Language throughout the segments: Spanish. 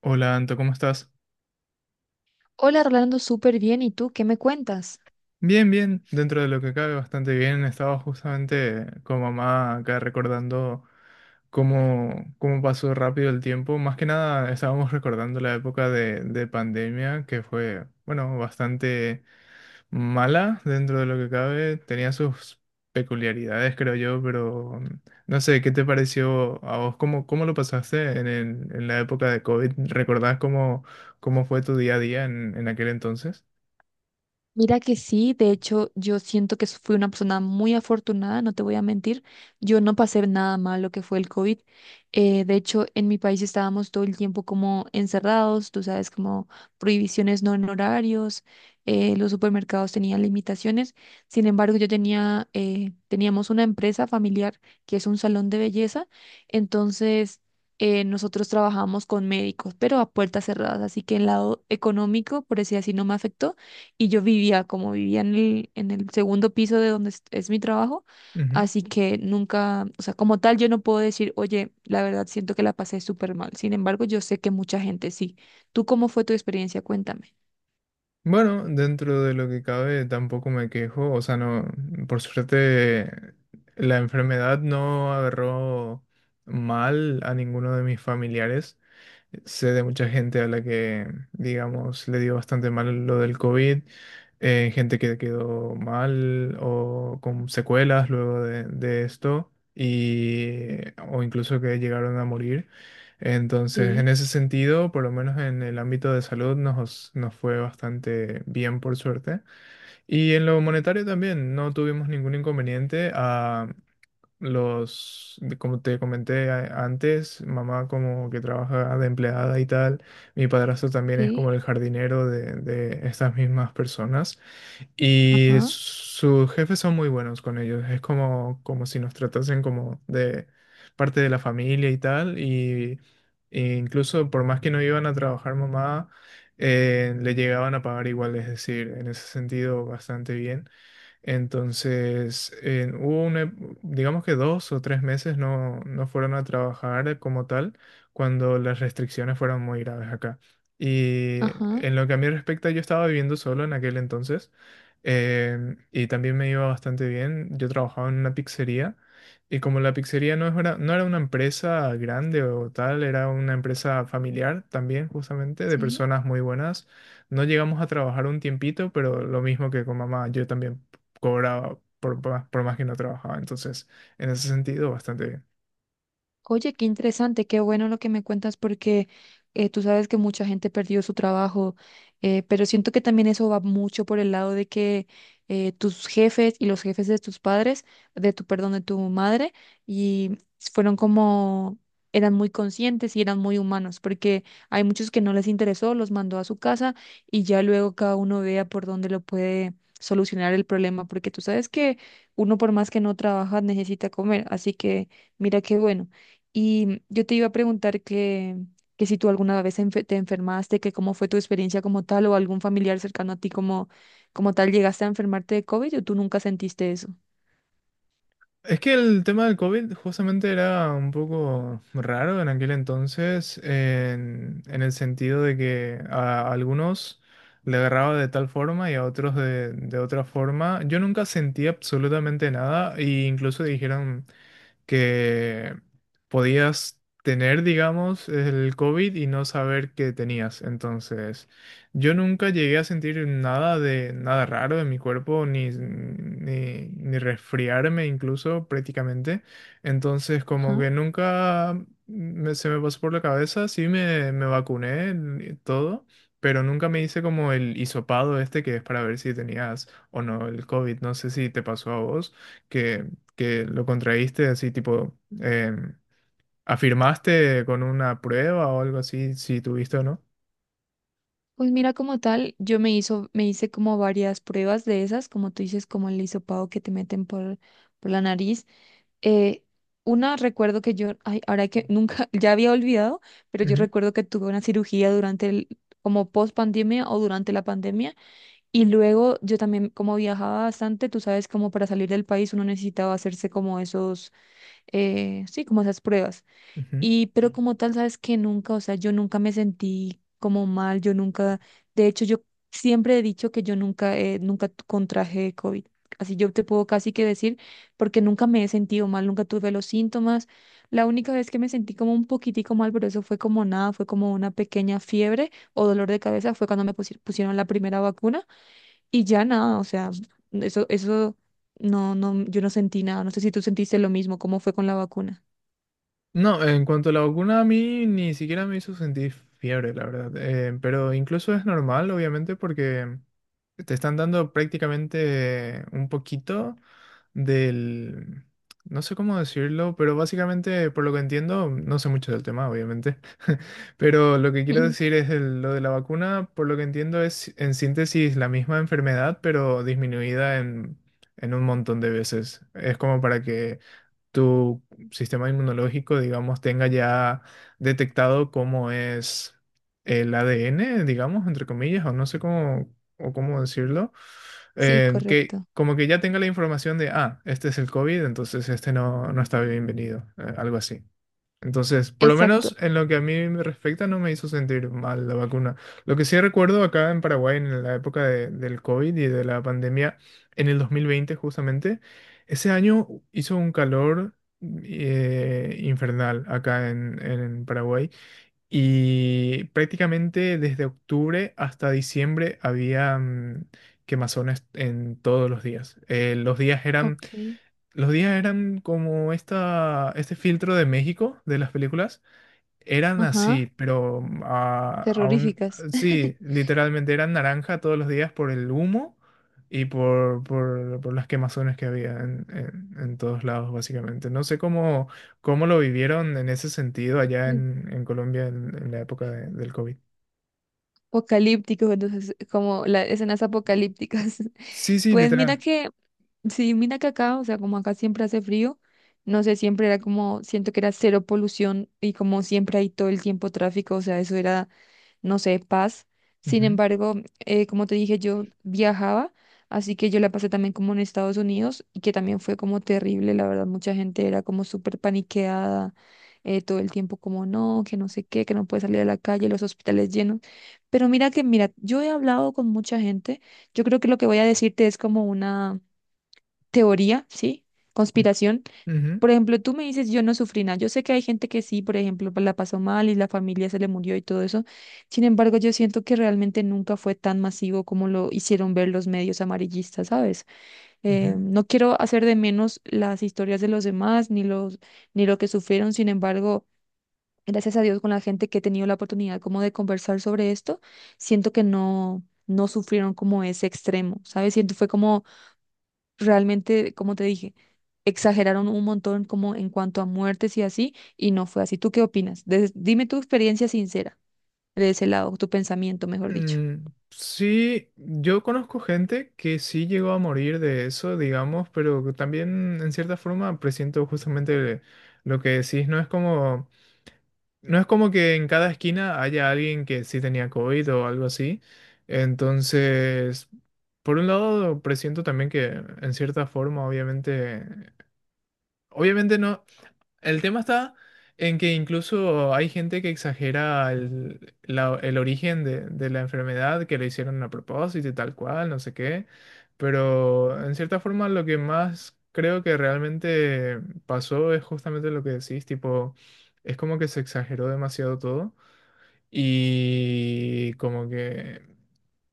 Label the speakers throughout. Speaker 1: Hola Anto, ¿cómo estás?
Speaker 2: Hola, Rolando, súper bien. ¿Y tú qué me cuentas?
Speaker 1: Bien, bien, dentro de lo que cabe bastante bien. Estaba justamente con mamá acá recordando cómo pasó rápido el tiempo. Más que nada estábamos recordando la época de pandemia que fue, bueno, bastante mala dentro de lo que cabe. Tenía sus peculiaridades, creo yo, pero no sé, ¿qué te pareció a vos? ¿Cómo lo pasaste en, en la época de COVID? ¿Recordás cómo fue tu día a día en aquel entonces?
Speaker 2: Mira que sí, de hecho yo siento que fui una persona muy afortunada, no te voy a mentir, yo no pasé nada mal lo que fue el COVID. De hecho en mi país estábamos todo el tiempo como encerrados, tú sabes, como prohibiciones no en horarios, los supermercados tenían limitaciones. Sin embargo yo tenía, teníamos una empresa familiar que es un salón de belleza, entonces nosotros trabajamos con médicos, pero a puertas cerradas, así que el lado económico, por decir así, no me afectó, y yo vivía, como vivía en el segundo piso de donde es mi trabajo, así que nunca, o sea, como tal, yo no puedo decir, oye, la verdad siento que la pasé súper mal. Sin embargo, yo sé que mucha gente sí. ¿Tú cómo fue tu experiencia? Cuéntame.
Speaker 1: Bueno, dentro de lo que cabe tampoco me quejo, o sea, no, por suerte la enfermedad no agarró mal a ninguno de mis familiares. Sé de mucha gente a la que, digamos, le dio bastante mal lo del COVID, gente que quedó mal o con secuelas luego de esto, y, o incluso que llegaron a morir. Entonces, en
Speaker 2: Sí,
Speaker 1: ese sentido, por lo menos en el ámbito de salud, nos fue bastante bien, por suerte. Y en lo monetario también, no tuvimos ningún inconveniente. A como te comenté antes, mamá como que trabaja de empleada y tal. Mi padrastro también es
Speaker 2: sí,
Speaker 1: como el jardinero de estas mismas personas. Y
Speaker 2: ajá,
Speaker 1: sus jefes son muy buenos con ellos. Es como, como si nos tratasen como de parte de la familia y tal. E incluso por más que no iban a trabajar mamá, le llegaban a pagar igual. Es decir, en ese sentido, bastante bien. Entonces, en hubo una digamos que dos o tres meses no fueron a trabajar como tal cuando las restricciones fueron muy graves acá. Y
Speaker 2: ajá,
Speaker 1: en lo que a mí respecta, yo estaba viviendo solo en aquel entonces, y también me iba bastante bien. Yo trabajaba en una pizzería y como la pizzería no, no era una empresa grande o tal, era una empresa familiar también justamente de
Speaker 2: sí.
Speaker 1: personas muy buenas. No llegamos a trabajar un tiempito, pero lo mismo que con mamá, yo también cobraba por más que no trabajaba. Entonces, en ese sentido, bastante bien.
Speaker 2: Oye, qué interesante, qué bueno lo que me cuentas porque tú sabes que mucha gente perdió su trabajo, pero siento que también eso va mucho por el lado de que tus jefes y los jefes de tus padres, de tu, perdón, de tu madre, y fueron como, eran muy conscientes y eran muy humanos, porque hay muchos que no les interesó, los mandó a su casa y ya luego cada uno vea por dónde lo puede solucionar el problema, porque tú sabes que uno por más que no trabaja necesita comer, así que mira qué bueno. Y yo te iba a preguntar que si tú alguna vez te enfermaste, que cómo fue tu experiencia como tal o algún familiar cercano a ti como, como tal llegaste a enfermarte de COVID o tú nunca sentiste eso.
Speaker 1: Es que el tema del COVID justamente era un poco raro en aquel entonces, en el sentido de que a algunos le agarraba de tal forma y a otros de otra forma. Yo nunca sentí absolutamente nada e incluso dijeron que podías tener, digamos, el COVID y no saber que tenías. Entonces, yo nunca llegué a sentir nada de nada raro en mi cuerpo, ni resfriarme incluso prácticamente. Entonces, como
Speaker 2: Ajá.
Speaker 1: que nunca se me pasó por la cabeza, sí me vacuné y todo. Pero nunca me hice como el hisopado este que es para ver si tenías o no el COVID. No sé si te pasó a vos que que lo contraíste, así tipo, afirmaste con una prueba o algo así, si tuviste o no.
Speaker 2: Pues mira, como tal, yo me hice como varias pruebas de esas, como tú dices, como el hisopado que te meten por la nariz. Eh, una recuerdo que yo, ay, ahora que nunca, ya había olvidado, pero yo
Speaker 1: Ujú,
Speaker 2: recuerdo que tuve una cirugía durante el, como post pandemia o durante la pandemia. Y luego yo también, como viajaba bastante, tú sabes, como para salir del país uno necesitaba hacerse como esos, sí, como esas pruebas.
Speaker 1: ujú.
Speaker 2: Y pero como tal, sabes que nunca, o sea, yo nunca me sentí como mal, yo nunca, de hecho, yo siempre he dicho que yo nunca, nunca contraje COVID. Así yo te puedo casi que decir, porque nunca me he sentido mal, nunca tuve los síntomas. La única vez que me sentí como un poquitico mal, pero eso fue como nada, fue como una pequeña fiebre o dolor de cabeza, fue cuando pusieron la primera vacuna y ya nada, o sea, eso, no, no, yo no sentí nada. No sé si tú sentiste lo mismo, cómo fue con la vacuna.
Speaker 1: No, en cuanto a la vacuna, a mí ni siquiera me hizo sentir fiebre, la verdad. Pero incluso es normal, obviamente, porque te están dando prácticamente un poquito del... No sé cómo decirlo, pero básicamente, por lo que entiendo, no sé mucho del tema, obviamente. Pero lo que quiero
Speaker 2: Ujú.
Speaker 1: decir es lo de la vacuna, por lo que entiendo, es en síntesis la misma enfermedad, pero disminuida en un montón de veces. Es como para que tu sistema inmunológico, digamos, tenga ya detectado cómo es el ADN, digamos, entre comillas, o no sé cómo, o cómo decirlo,
Speaker 2: Sí,
Speaker 1: que
Speaker 2: correcto.
Speaker 1: como que ya tenga la información de, ah, este es el COVID, entonces este no, no está bienvenido, algo así. Entonces, por lo
Speaker 2: Exacto.
Speaker 1: menos en lo que a mí me respecta, no me hizo sentir mal la vacuna. Lo que sí recuerdo acá en Paraguay, en la época del COVID y de la pandemia, en el 2020 justamente, ese año hizo un calor infernal acá en Paraguay y prácticamente desde octubre hasta diciembre había quemazones en todos los días.
Speaker 2: Ok.
Speaker 1: Los días eran como este filtro de México de las películas, eran
Speaker 2: Ajá.
Speaker 1: así, pero ah, aún,
Speaker 2: Terroríficas.
Speaker 1: sí, literalmente eran naranja todos los días por el humo y por las quemazones que había en, en todos lados, básicamente. No sé cómo, cómo lo vivieron en ese sentido allá en Colombia en la época del COVID.
Speaker 2: Apocalíptico, entonces, como las escenas apocalípticas.
Speaker 1: Sí, sí,
Speaker 2: Pues mira
Speaker 1: literal.
Speaker 2: que sí, mira que acá, o sea, como acá siempre hace frío, no sé, siempre era como, siento que era cero polución y como siempre hay todo el tiempo tráfico, o sea, eso era, no sé, paz. Sin
Speaker 1: Ujú,
Speaker 2: embargo, como te dije, yo viajaba, así que yo la pasé también como en Estados Unidos y que también fue como terrible, la verdad, mucha gente era como súper paniqueada, todo el tiempo como no, que no sé qué, que no puede salir a la calle, los hospitales llenos. Pero mira que, mira, yo he hablado con mucha gente, yo creo que lo que voy a decirte es como una teoría, ¿sí? Conspiración.
Speaker 1: ujú,
Speaker 2: Por ejemplo, tú me dices, yo no sufrí nada. Yo sé que hay gente que sí, por ejemplo, pues, la pasó mal y la familia se le murió y todo eso. Sin embargo, yo siento que realmente nunca fue tan masivo como lo hicieron ver los medios amarillistas, ¿sabes?
Speaker 1: ujú.
Speaker 2: No quiero hacer de menos las historias de los demás ni los, ni lo que sufrieron. Sin embargo, gracias a Dios con la gente que he tenido la oportunidad como de conversar sobre esto, siento que no, no sufrieron como ese extremo, ¿sabes? Siento fue como realmente, como te dije, exageraron un montón como en cuanto a muertes y así, y no fue así. ¿Tú qué opinas? Dime tu experiencia sincera de ese lado, tu pensamiento, mejor dicho.
Speaker 1: Mm, sí, yo conozco gente que sí llegó a morir de eso, digamos, pero que también en cierta forma presiento justamente lo que decís. No es como, no es como que en cada esquina haya alguien que sí tenía COVID o algo así. Entonces, por un lado, presiento también que en cierta forma, obviamente, obviamente no. El tema está en que incluso hay gente que exagera el, el origen de la enfermedad, que lo hicieron a propósito y tal cual, no sé qué. Pero en cierta forma lo que más creo que realmente pasó es justamente lo que decís, tipo, es como que se exageró demasiado todo y como que...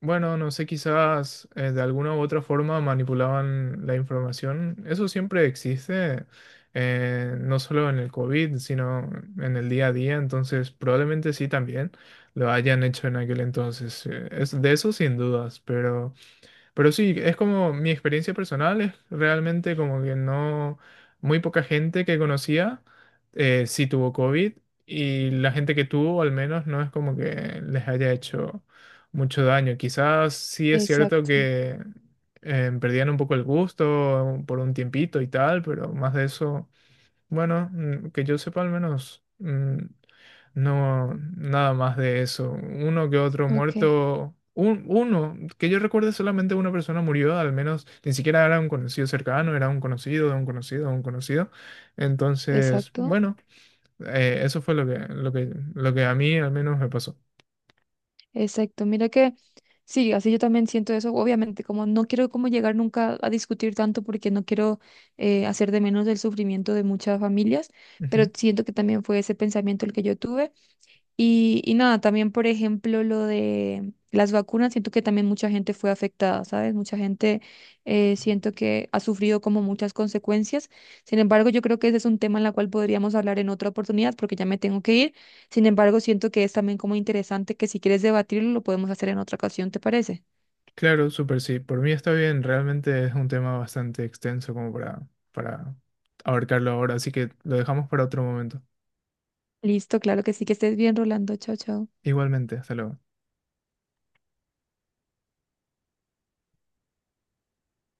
Speaker 1: Bueno, no sé, quizás de alguna u otra forma manipulaban la información. Eso siempre existe, no solo en el COVID, sino en el día a día. Entonces, probablemente sí también lo hayan hecho en aquel entonces. Es de eso sin dudas, pero... Pero sí, es como mi experiencia personal, es realmente como que no, muy poca gente que conocía sí tuvo COVID y la gente que tuvo al menos no es como que les haya hecho mucho daño. Quizás sí es cierto
Speaker 2: Exacto,
Speaker 1: que perdían un poco el gusto por un tiempito y tal, pero más de eso, bueno, que yo sepa al menos no, nada más de eso. Uno que otro
Speaker 2: ok,
Speaker 1: muerto. Uno, que yo recuerde solamente una persona murió, al menos ni siquiera era un conocido cercano, era un conocido de un conocido de un conocido. Entonces,
Speaker 2: exacto,
Speaker 1: bueno, eso fue lo que, lo que a mí al menos me pasó.
Speaker 2: exacto. Mira que sí, así yo también siento eso. Obviamente, como no quiero como llegar nunca a discutir tanto porque no quiero hacer de menos el sufrimiento de muchas familias, pero
Speaker 1: Ujú.
Speaker 2: siento que también fue ese pensamiento el que yo tuve. Y nada, también, por ejemplo, lo de las vacunas, siento que también mucha gente fue afectada, ¿sabes? Mucha gente, siento que ha sufrido como muchas consecuencias. Sin embargo, yo creo que ese es un tema en el cual podríamos hablar en otra oportunidad porque ya me tengo que ir. Sin embargo, siento que es también como interesante que si quieres debatirlo, lo podemos hacer en otra ocasión, ¿te parece?
Speaker 1: Claro, súper sí. Por mí está bien, realmente es un tema bastante extenso como para abarcarlo ahora, así que lo dejamos para otro momento.
Speaker 2: Listo, claro que sí, que estés bien, Rolando. Chao, chao.
Speaker 1: Igualmente, hasta luego.